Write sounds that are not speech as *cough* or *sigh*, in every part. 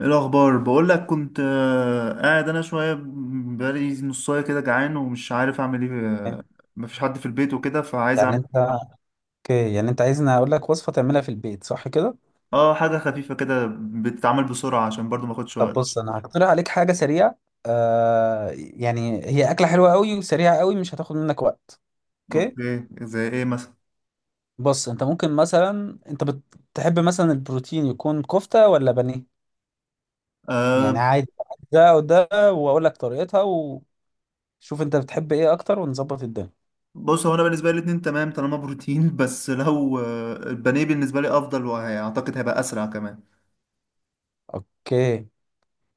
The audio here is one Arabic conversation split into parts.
ايه الاخبار؟ بقول لك كنت قاعد انا شويه. بقالي نصايه كده، جعان ومش عارف اعمل ايه. مفيش حد في البيت وكده، فعايز يعني اعمل. انت اوكي، يعني انت عايزني اقول لك وصفة تعملها في البيت، صح كده؟ اه، حاجه خفيفه كده بتتعمل بسرعه، عشان برضو ما اخدش طب وقت. بص انا هقترح عليك حاجة سريعة. يعني هي اكلة حلوة قوي وسريعة قوي، مش هتاخد منك وقت. اوكي. اوكي، زي ايه مثلا؟ بص انت ممكن مثلا، انت بتحب مثلا البروتين يكون كفتة ولا بانيه؟ يعني آه، عادي، ده وده، واقول لك طريقتها وشوف انت بتحب ايه اكتر ونظبط الدنيا. بص. هو انا بالنسبه لي الاتنين تمام طالما بروتين. *laughs* بس لو البانيه بالنسبه لي افضل، واعتقد هيبقى اسرع كمان. اوكي.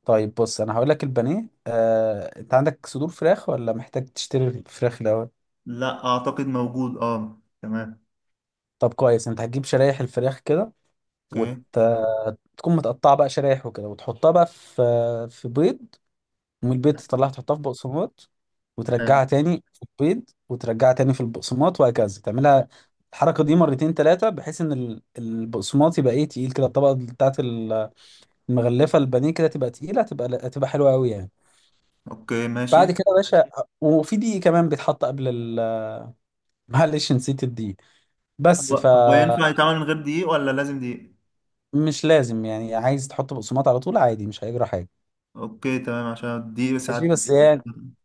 طيب بص انا هقول لك البانيه. انت عندك صدور فراخ ولا محتاج تشتري فراخ الاول؟ لا، اعتقد موجود. اه، تمام. طب كويس، انت هتجيب شرايح الفراخ كده، اوكي. وتكون متقطعه بقى شرايح وكده، وتحطها بقى في بيض، ومن البيض تطلعها تحطها في بقسماط، حلو. وترجعها تاني في البيض، وترجعها تاني في البقسماط، وهكذا تعملها الحركه دي مرتين ثلاثه، بحيث ان البقسماط يبقى ايه، تقيل كده، الطبقه بتاعت المغلفه البانيه كده تبقى تقيله، تبقى هتبقى حلوه قوي يعني. اوكي، بعد ماشي. كده يا باشا، وفي دقيق كمان بيتحط قبل *laughs* معلش، نسيت الدقيق. بس هو ف هو ينفع يتعمل من غير دقيق، ولا لازم دقيق؟ مش لازم يعني، عايز تحط بقسماط على طول عادي، مش هيجرى حاجه. اوكي، تمام، عشان دي ماشي ساعات. بس يعني،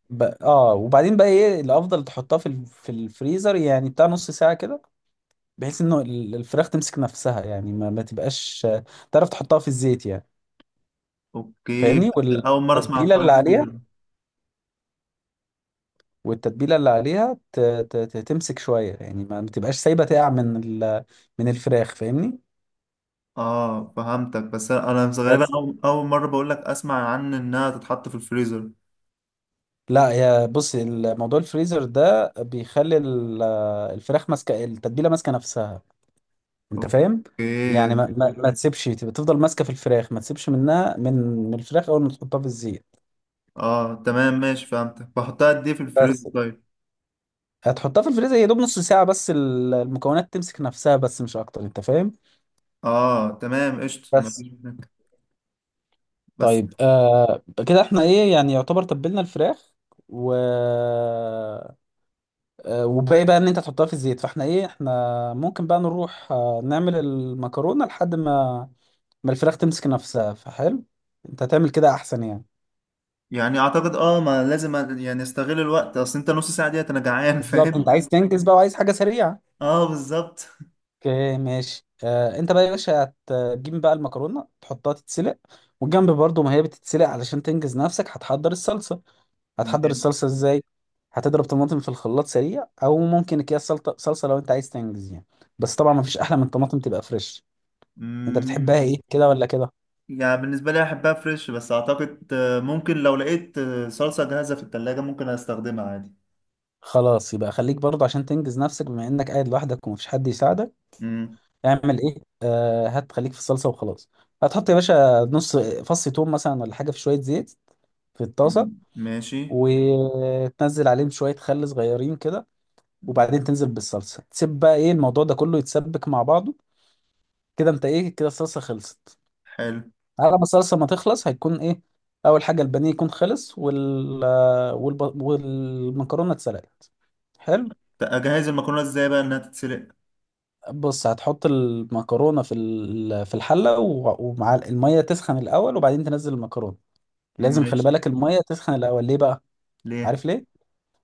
ب... اه وبعدين بقى ايه، الافضل تحطها في في الفريزر يعني بتاع نص ساعه كده، بحيث انه الفراخ تمسك نفسها يعني، ما تبقاش، تعرف تحطها في الزيت يعني، اوكي، فاهمني؟ بس اول مره اسمع عن والتتبيله حوار اللي عليها، الفريزر. تمسك شويه يعني، ما تبقاش سايبه تقع من ال... من الفراخ، فاهمني؟ اه، فهمتك. بس انا غالبا بس اول مره بقول لك اسمع عن انها تتحط في الفريزر. لا يا بص، الموضوع الفريزر ده بيخلي الفراخ ماسكه التتبيله، ماسكه نفسها، انت فاهم؟ اوكي. يعني ما تسيبش، تبقى تفضل ماسكه في الفراخ، ما تسيبش منها من الفراخ اول ما تحطها في الزيت. اه، تمام، ماشي، فهمتك. بحطها قد ايه في الفريزر بس. طيب؟ هتحطها في الفريزر يا دوب نص ساعه، بس المكونات تمسك نفسها بس، مش اكتر، انت فاهم؟ اه، تمام، قشطة. بس. مفيش منك. بس طيب كده احنا ايه يعني، يعتبر تبلنا الفراخ و آه وباقي بقى ان انت تحطها في الزيت، فاحنا ايه، احنا ممكن بقى نروح نعمل المكرونه لحد ما الفراخ تمسك نفسها، فحلو، انت هتعمل كده احسن يعني. يعني اعتقد ما لازم، يعني استغل الوقت، اصل انت نص ساعه ديت انا جعان. *laughs* بالظبط، انت فاهم؟ عايز تنجز بقى وعايز حاجه سريعه. اه، بالظبط. اوكي ماشي. انت بقى يا باشا هتجيب بقى المكرونه تحطها تتسلق، والجنب برضو ما هي بتتسلق علشان تنجز نفسك هتحضر الصلصه. هتحضر ماشي. الصلصه ازاي؟ هتضرب طماطم في الخلاط سريع، او ممكن اكياس سلطه صلصه لو انت عايز تنجز يعني. بس طبعا ما فيش احلى من الطماطم تبقى فريش. انت بتحبها ايه، كده ولا كده؟ يعني بالنسبة لي أحبها فريش، بس أعتقد ممكن لو لقيت صلصة جاهزة في التلاجة، ممكن أستخدمها عادي. خلاص يبقى خليك برضو، عشان تنجز نفسك بما انك قاعد لوحدك ومفيش حد يساعدك. مم. اعمل ايه، هات خليك في الصلصه وخلاص. هتحط يا باشا نص فص توم مثلا ولا حاجه في شويه زيت في مم. الطاسه، ماشي. وتنزل عليهم شوية خل صغيرين كده، مم. وبعدين تنزل بالصلصة، تسيب بقى ايه الموضوع ده كله يتسبك مع بعضه، كده انت ايه، كده الصلصة خلصت. حلو. على ما الصلصة ما تخلص هيكون ايه؟ أول حاجة البانيه يكون خلص، والمكرونة اتسلقت، حلو. أجهز المكرونة إزاي بقى إنها تتسلق؟ بص هتحط المكرونة في في الحلة، ومع المية تسخن الأول، وبعدين تنزل المكرونة. لازم خلي ماشي. بالك المية تسخن الأول، ليه بقى؟ ليه؟ عارف ليه؟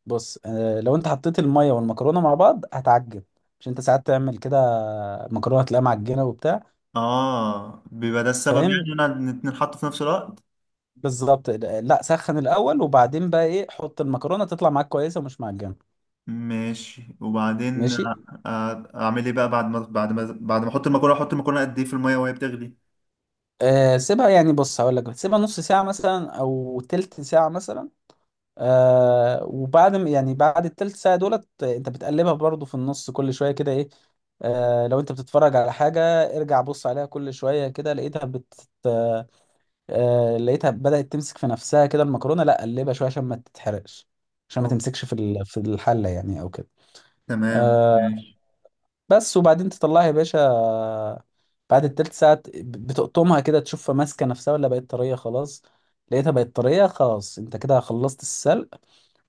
بص لو انت حطيت المية والمكرونة مع بعض هتعجن، مش انت ساعات تعمل كده، مكرونة تلاقيها معجنة وبتاع، آه، بيبقى ده السبب فاهم؟ يعني، إن أنا الاتنين حطوا في نفس الوقت. بالظبط، لا سخن الأول، وبعدين بقى ايه حط المكرونة، تطلع معاك كويسة ومش معجنة. ماشي. وبعدين ماشي، أعمل إيه بقى، بعد ما أحط المكرونة قد إيه في المية وهي بتغلي؟ سيبها يعني، بص هقول لك سيبها نص ساعة مثلا أو تلت ساعة مثلا. وبعد يعني بعد التلت ساعة دولت، انت بتقلبها برضو في النص كل شوية كده، ايه لو انت بتتفرج على حاجة ارجع بص عليها كل شوية كده، لقيتها لقيتها بدأت تمسك في نفسها كده المكرونة، لا قلبها شوية عشان ما تتحرقش، عشان ما أوك. تمسكش في في الحلة يعني او كده. تمام، آه ماشي. بس، وبعدين تطلعها يا باشا، بعد التلت ساعة بتقطمها كده، تشوفها ماسكة نفسها ولا بقت طرية خلاص. لقيتها بقت طرية خلاص، انت كده خلصت السلق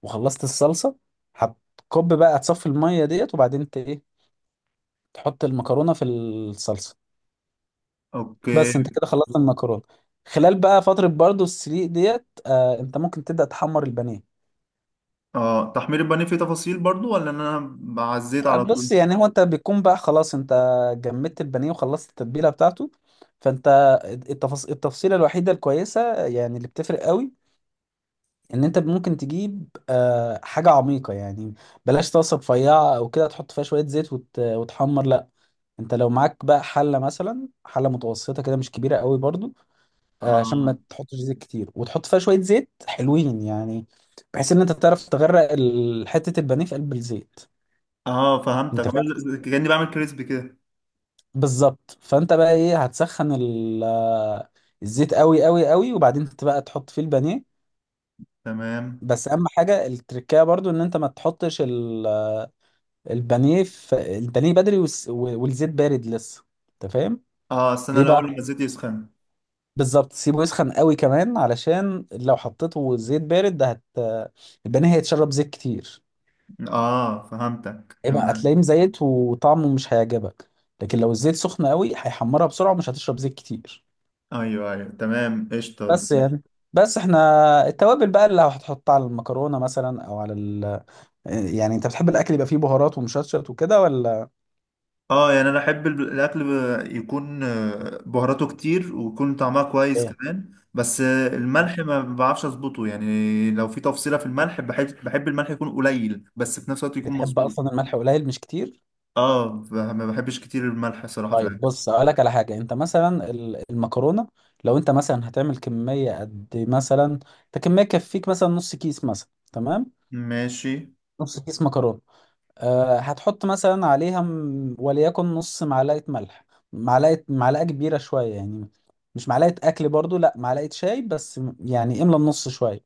وخلصت الصلصة. هتكب بقى، هتصفي المية ديت، وبعدين انت ايه، تحط المكرونة في الصلصة، بس، انت أوكي. كده خلصت المكرونة. خلال بقى فترة برضو السليق ديت، انت ممكن تبدأ تحمر البانيه. اه، تحمير البانيه فيه تفاصيل برضو، ولا ان انا بعزيت على طول؟ بص يعني هو انت بيكون بقى خلاص، انت جمدت البانيه وخلصت التتبيله بتاعته، فانت التفصيله الوحيده الكويسه يعني اللي بتفرق قوي، ان انت ممكن تجيب حاجه عميقه يعني، بلاش طاسه رفيعه او كده تحط فيها شويه زيت وتحمر، لا. انت لو معاك بقى حله مثلا، حله متوسطه كده مش كبيره قوي برضو، عشان اه. ما تحطش زيت كتير، وتحط فيها شويه زيت حلوين يعني، بحيث ان انت تعرف تغرق حته البانيه في قلب الزيت، اه، فهمتك. انت فاهم؟ كأني بعمل كريسبي كده. بالظبط، فانت بقى ايه، هتسخن الزيت قوي قوي قوي، وبعدين انت بقى تحط فيه البانيه. تمام. بس اهم حاجه التركية برضو، ان انت ما تحطش البانيه بدري والزيت بارد لسه، انت فاهم؟ اه، استنى ليه بقى؟ الاول لما الزيت يسخن. بالظبط، سيبه يسخن قوي كمان، علشان لو حطيته زيت بارد ده البانيه هيتشرب زيت كتير، اه، فهمتك، يبقى تمام. هتلاقيه مزيت وطعمه مش هيعجبك. لكن لو الزيت سخن قوي هيحمرها بسرعه ومش هتشرب زيت كتير. ايوه، ايوه، تمام، قشطه. بس يعني، بس احنا التوابل بقى اللي هتحطها على المكرونه مثلا او على يعني انت بتحب الاكل يبقى فيه بهارات ومشطشط وكده ولا اه، يعني انا احب الاكل يكون بهاراته كتير، ويكون طعمها كويس ايه؟ كمان. بس الملح ما بعرفش اظبطه، يعني لو في تفصيله في الملح، بحب الملح يكون قليل بس في نفس الوقت يكون بتحب مظبوط. اصلا الملح قليل مش كتير؟ اه، ما بحبش كتير الملح الصراحه في طيب الاكل. بص اقول لك على حاجه، انت مثلا المكرونه، لو انت مثلا هتعمل كميه قد مثلا، انت كميه تكفيك مثلا نص كيس مثلا، تمام، ماشي. نص كيس مكرونه، هتحط مثلا عليها وليكن نص معلقة ملح، معلقة كبيرة شوية يعني، مش معلقة أكل برضو، لا معلقة شاي بس، يعني املى النص شوية،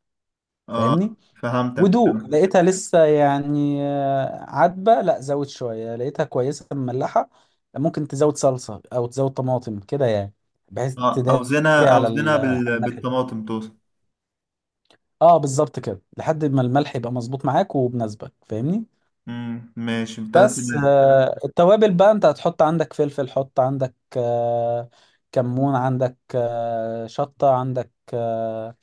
اه، فاهمني؟ فهمتك، ودوق، تمام. لقيتها لسه يعني عدبة، لا زود شوية، لقيتها كويسة مملحة، ممكن تزود صلصة أو تزود طماطم كده يعني، بحيث اه، تداري اوزنها اوزنها على الملح. بالطماطم توصل. اه بالظبط كده، لحد ما الملح يبقى مظبوط معاك وبناسبك، فاهمني. امم، ماشي، انت بس تمام. التوابل بقى، انت هتحط عندك فلفل، حط عندك كمون، عندك شطة، عندك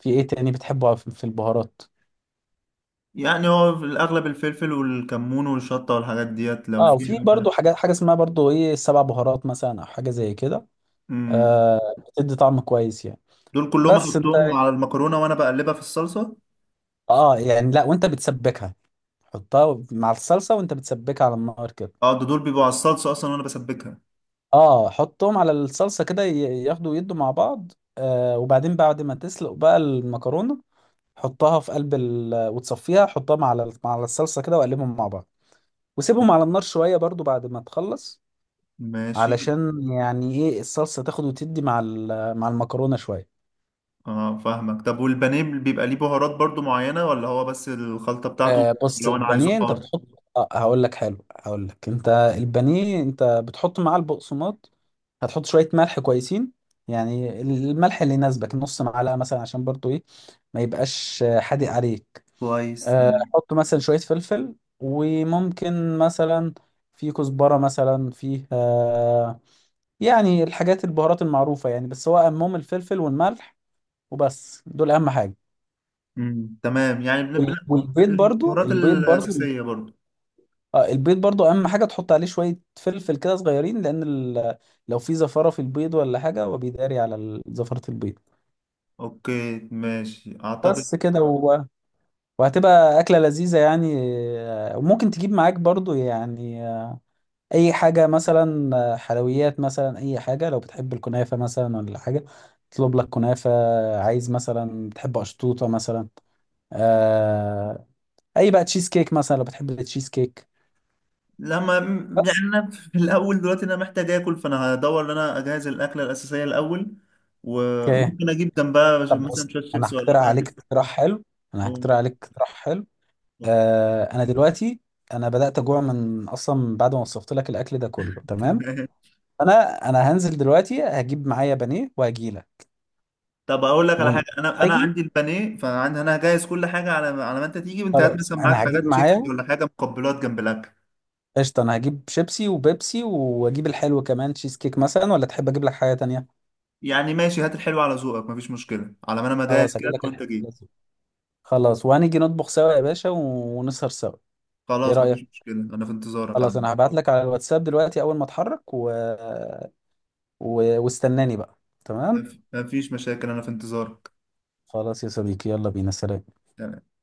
في ايه تاني بتحبه في البهارات؟ يعني هو في الاغلب الفلفل والكمون والشطه والحاجات ديت، لو اه، في وفي حاجه. برضو حاجة اسمها برضو ايه السبع بهارات مثلا، او حاجة زي كده، امم. آه، بتدي طعم كويس يعني. دول كلهم بس انت احطهم على المكرونه وانا بقلبها في الصلصه؟ اه يعني لا، وانت بتسبكها حطها مع الصلصة، وانت بتسبكها على النار كده. اه، ده دول بيبقوا على الصلصه اصلا وانا بسبكها. اه حطهم على الصلصة كده، ياخدوا يدوا مع بعض، آه وبعدين بعد ما تسلق بقى المكرونة، حطها في قلب وتصفيها، حطها على مع الصلصه كده وقلبهم مع بعض، وسيبهم على النار شويه برضو بعد ما تخلص، ماشي. علشان يعني ايه، الصلصه تاخد وتدي مع مع المكرونه شويه. اه، فاهمك. طب والبانيه بيبقى ليه بهارات برضو معينه، ولا هو بس الخلطه بتاعته؟ آه بص لو انا عايزه البانيه انت حار. بتحط آه هقول لك حلو، هقول لك انت البانيه انت بتحط معاه البقسماط، هتحط شويه ملح كويسين يعني، الملح اللي يناسبك نص معلقه مثلا، عشان برضو ايه ما يبقاش حادق عليك، كويس. احط مثلا شويه فلفل، وممكن مثلا في كزبره مثلا، فيه يعني الحاجات البهارات المعروفه يعني، بس هو اهمهم الفلفل والملح، وبس دول اهم حاجه. امم، تمام. يعني والبيض برضو، البهارات البيض برضو الأساسية برضو. اه البيض برضو اهم حاجه، تحط عليه شويه فلفل كده صغيرين، لان لو في زفاره في البيض ولا حاجه، هو بيداري على زفره البيض. اوكي، ماشي، اعتقد. بس كده، وهتبقى اكله لذيذه يعني، وممكن تجيب معاك برضو يعني اي حاجه مثلا، حلويات مثلا، اي حاجه، لو بتحب الكنافه مثلا ولا حاجه اطلب لك كنافه، عايز مثلا بتحب اشطوطه مثلا، آه اي بقى تشيز كيك مثلا لو بتحب التشيز كيك. لما. يعني بس. انا في الاول دلوقتي، انا محتاج اكل. فانا هدور ان انا اجهز الاكله الاساسيه الاول. اوكي. وممكن اجيب جنبها، طب مثلا بص شويه انا شيبسي ولا هقترح عليك حاجه. اقتراح حلو، انا هقترح ممكن. عليك اقتراح حلو آه انا دلوقتي، انا بدات اجوع من اصلا بعد ما وصفت لك الاكل ده كله، تمام. تمام. انا انا هنزل دلوقتي، هجيب معايا بانيه وهجيلك *laughs* طب اقول لك على ون- حاجه. انا واجي. عندي البانيه. فانا هجهز كل حاجه على ما انت تيجي. وانت هات خلاص مثلا معاك انا هجيب حاجات شيبسي معايا. ولا حاجه، مقبلات جنب الاكل. قشطة، أنا هجيب شيبسي وبيبسي، وأجيب الحلو كمان تشيز كيك مثلا، ولا تحب أجيب لك حاجة تانية؟ يعني ماشي. هات الحلو على ذوقك. مفيش مشكله، على ما انا مجهز خلاص كده هجيب لك وانت الحلو جاي. لازم. خلاص، وهنيجي نطبخ سوا يا باشا ونسهر سوا، إيه خلاص. مفيش رأيك؟ مشكلة، أنا في انتظارك خلاص، عم. أنا هبعت لك على الواتساب دلوقتي أول ما أتحرك واستناني بقى، تمام؟ مفيش مشاكل، أنا في انتظارك. خلاص يا صديقي، يلا بينا، سلام. تمام.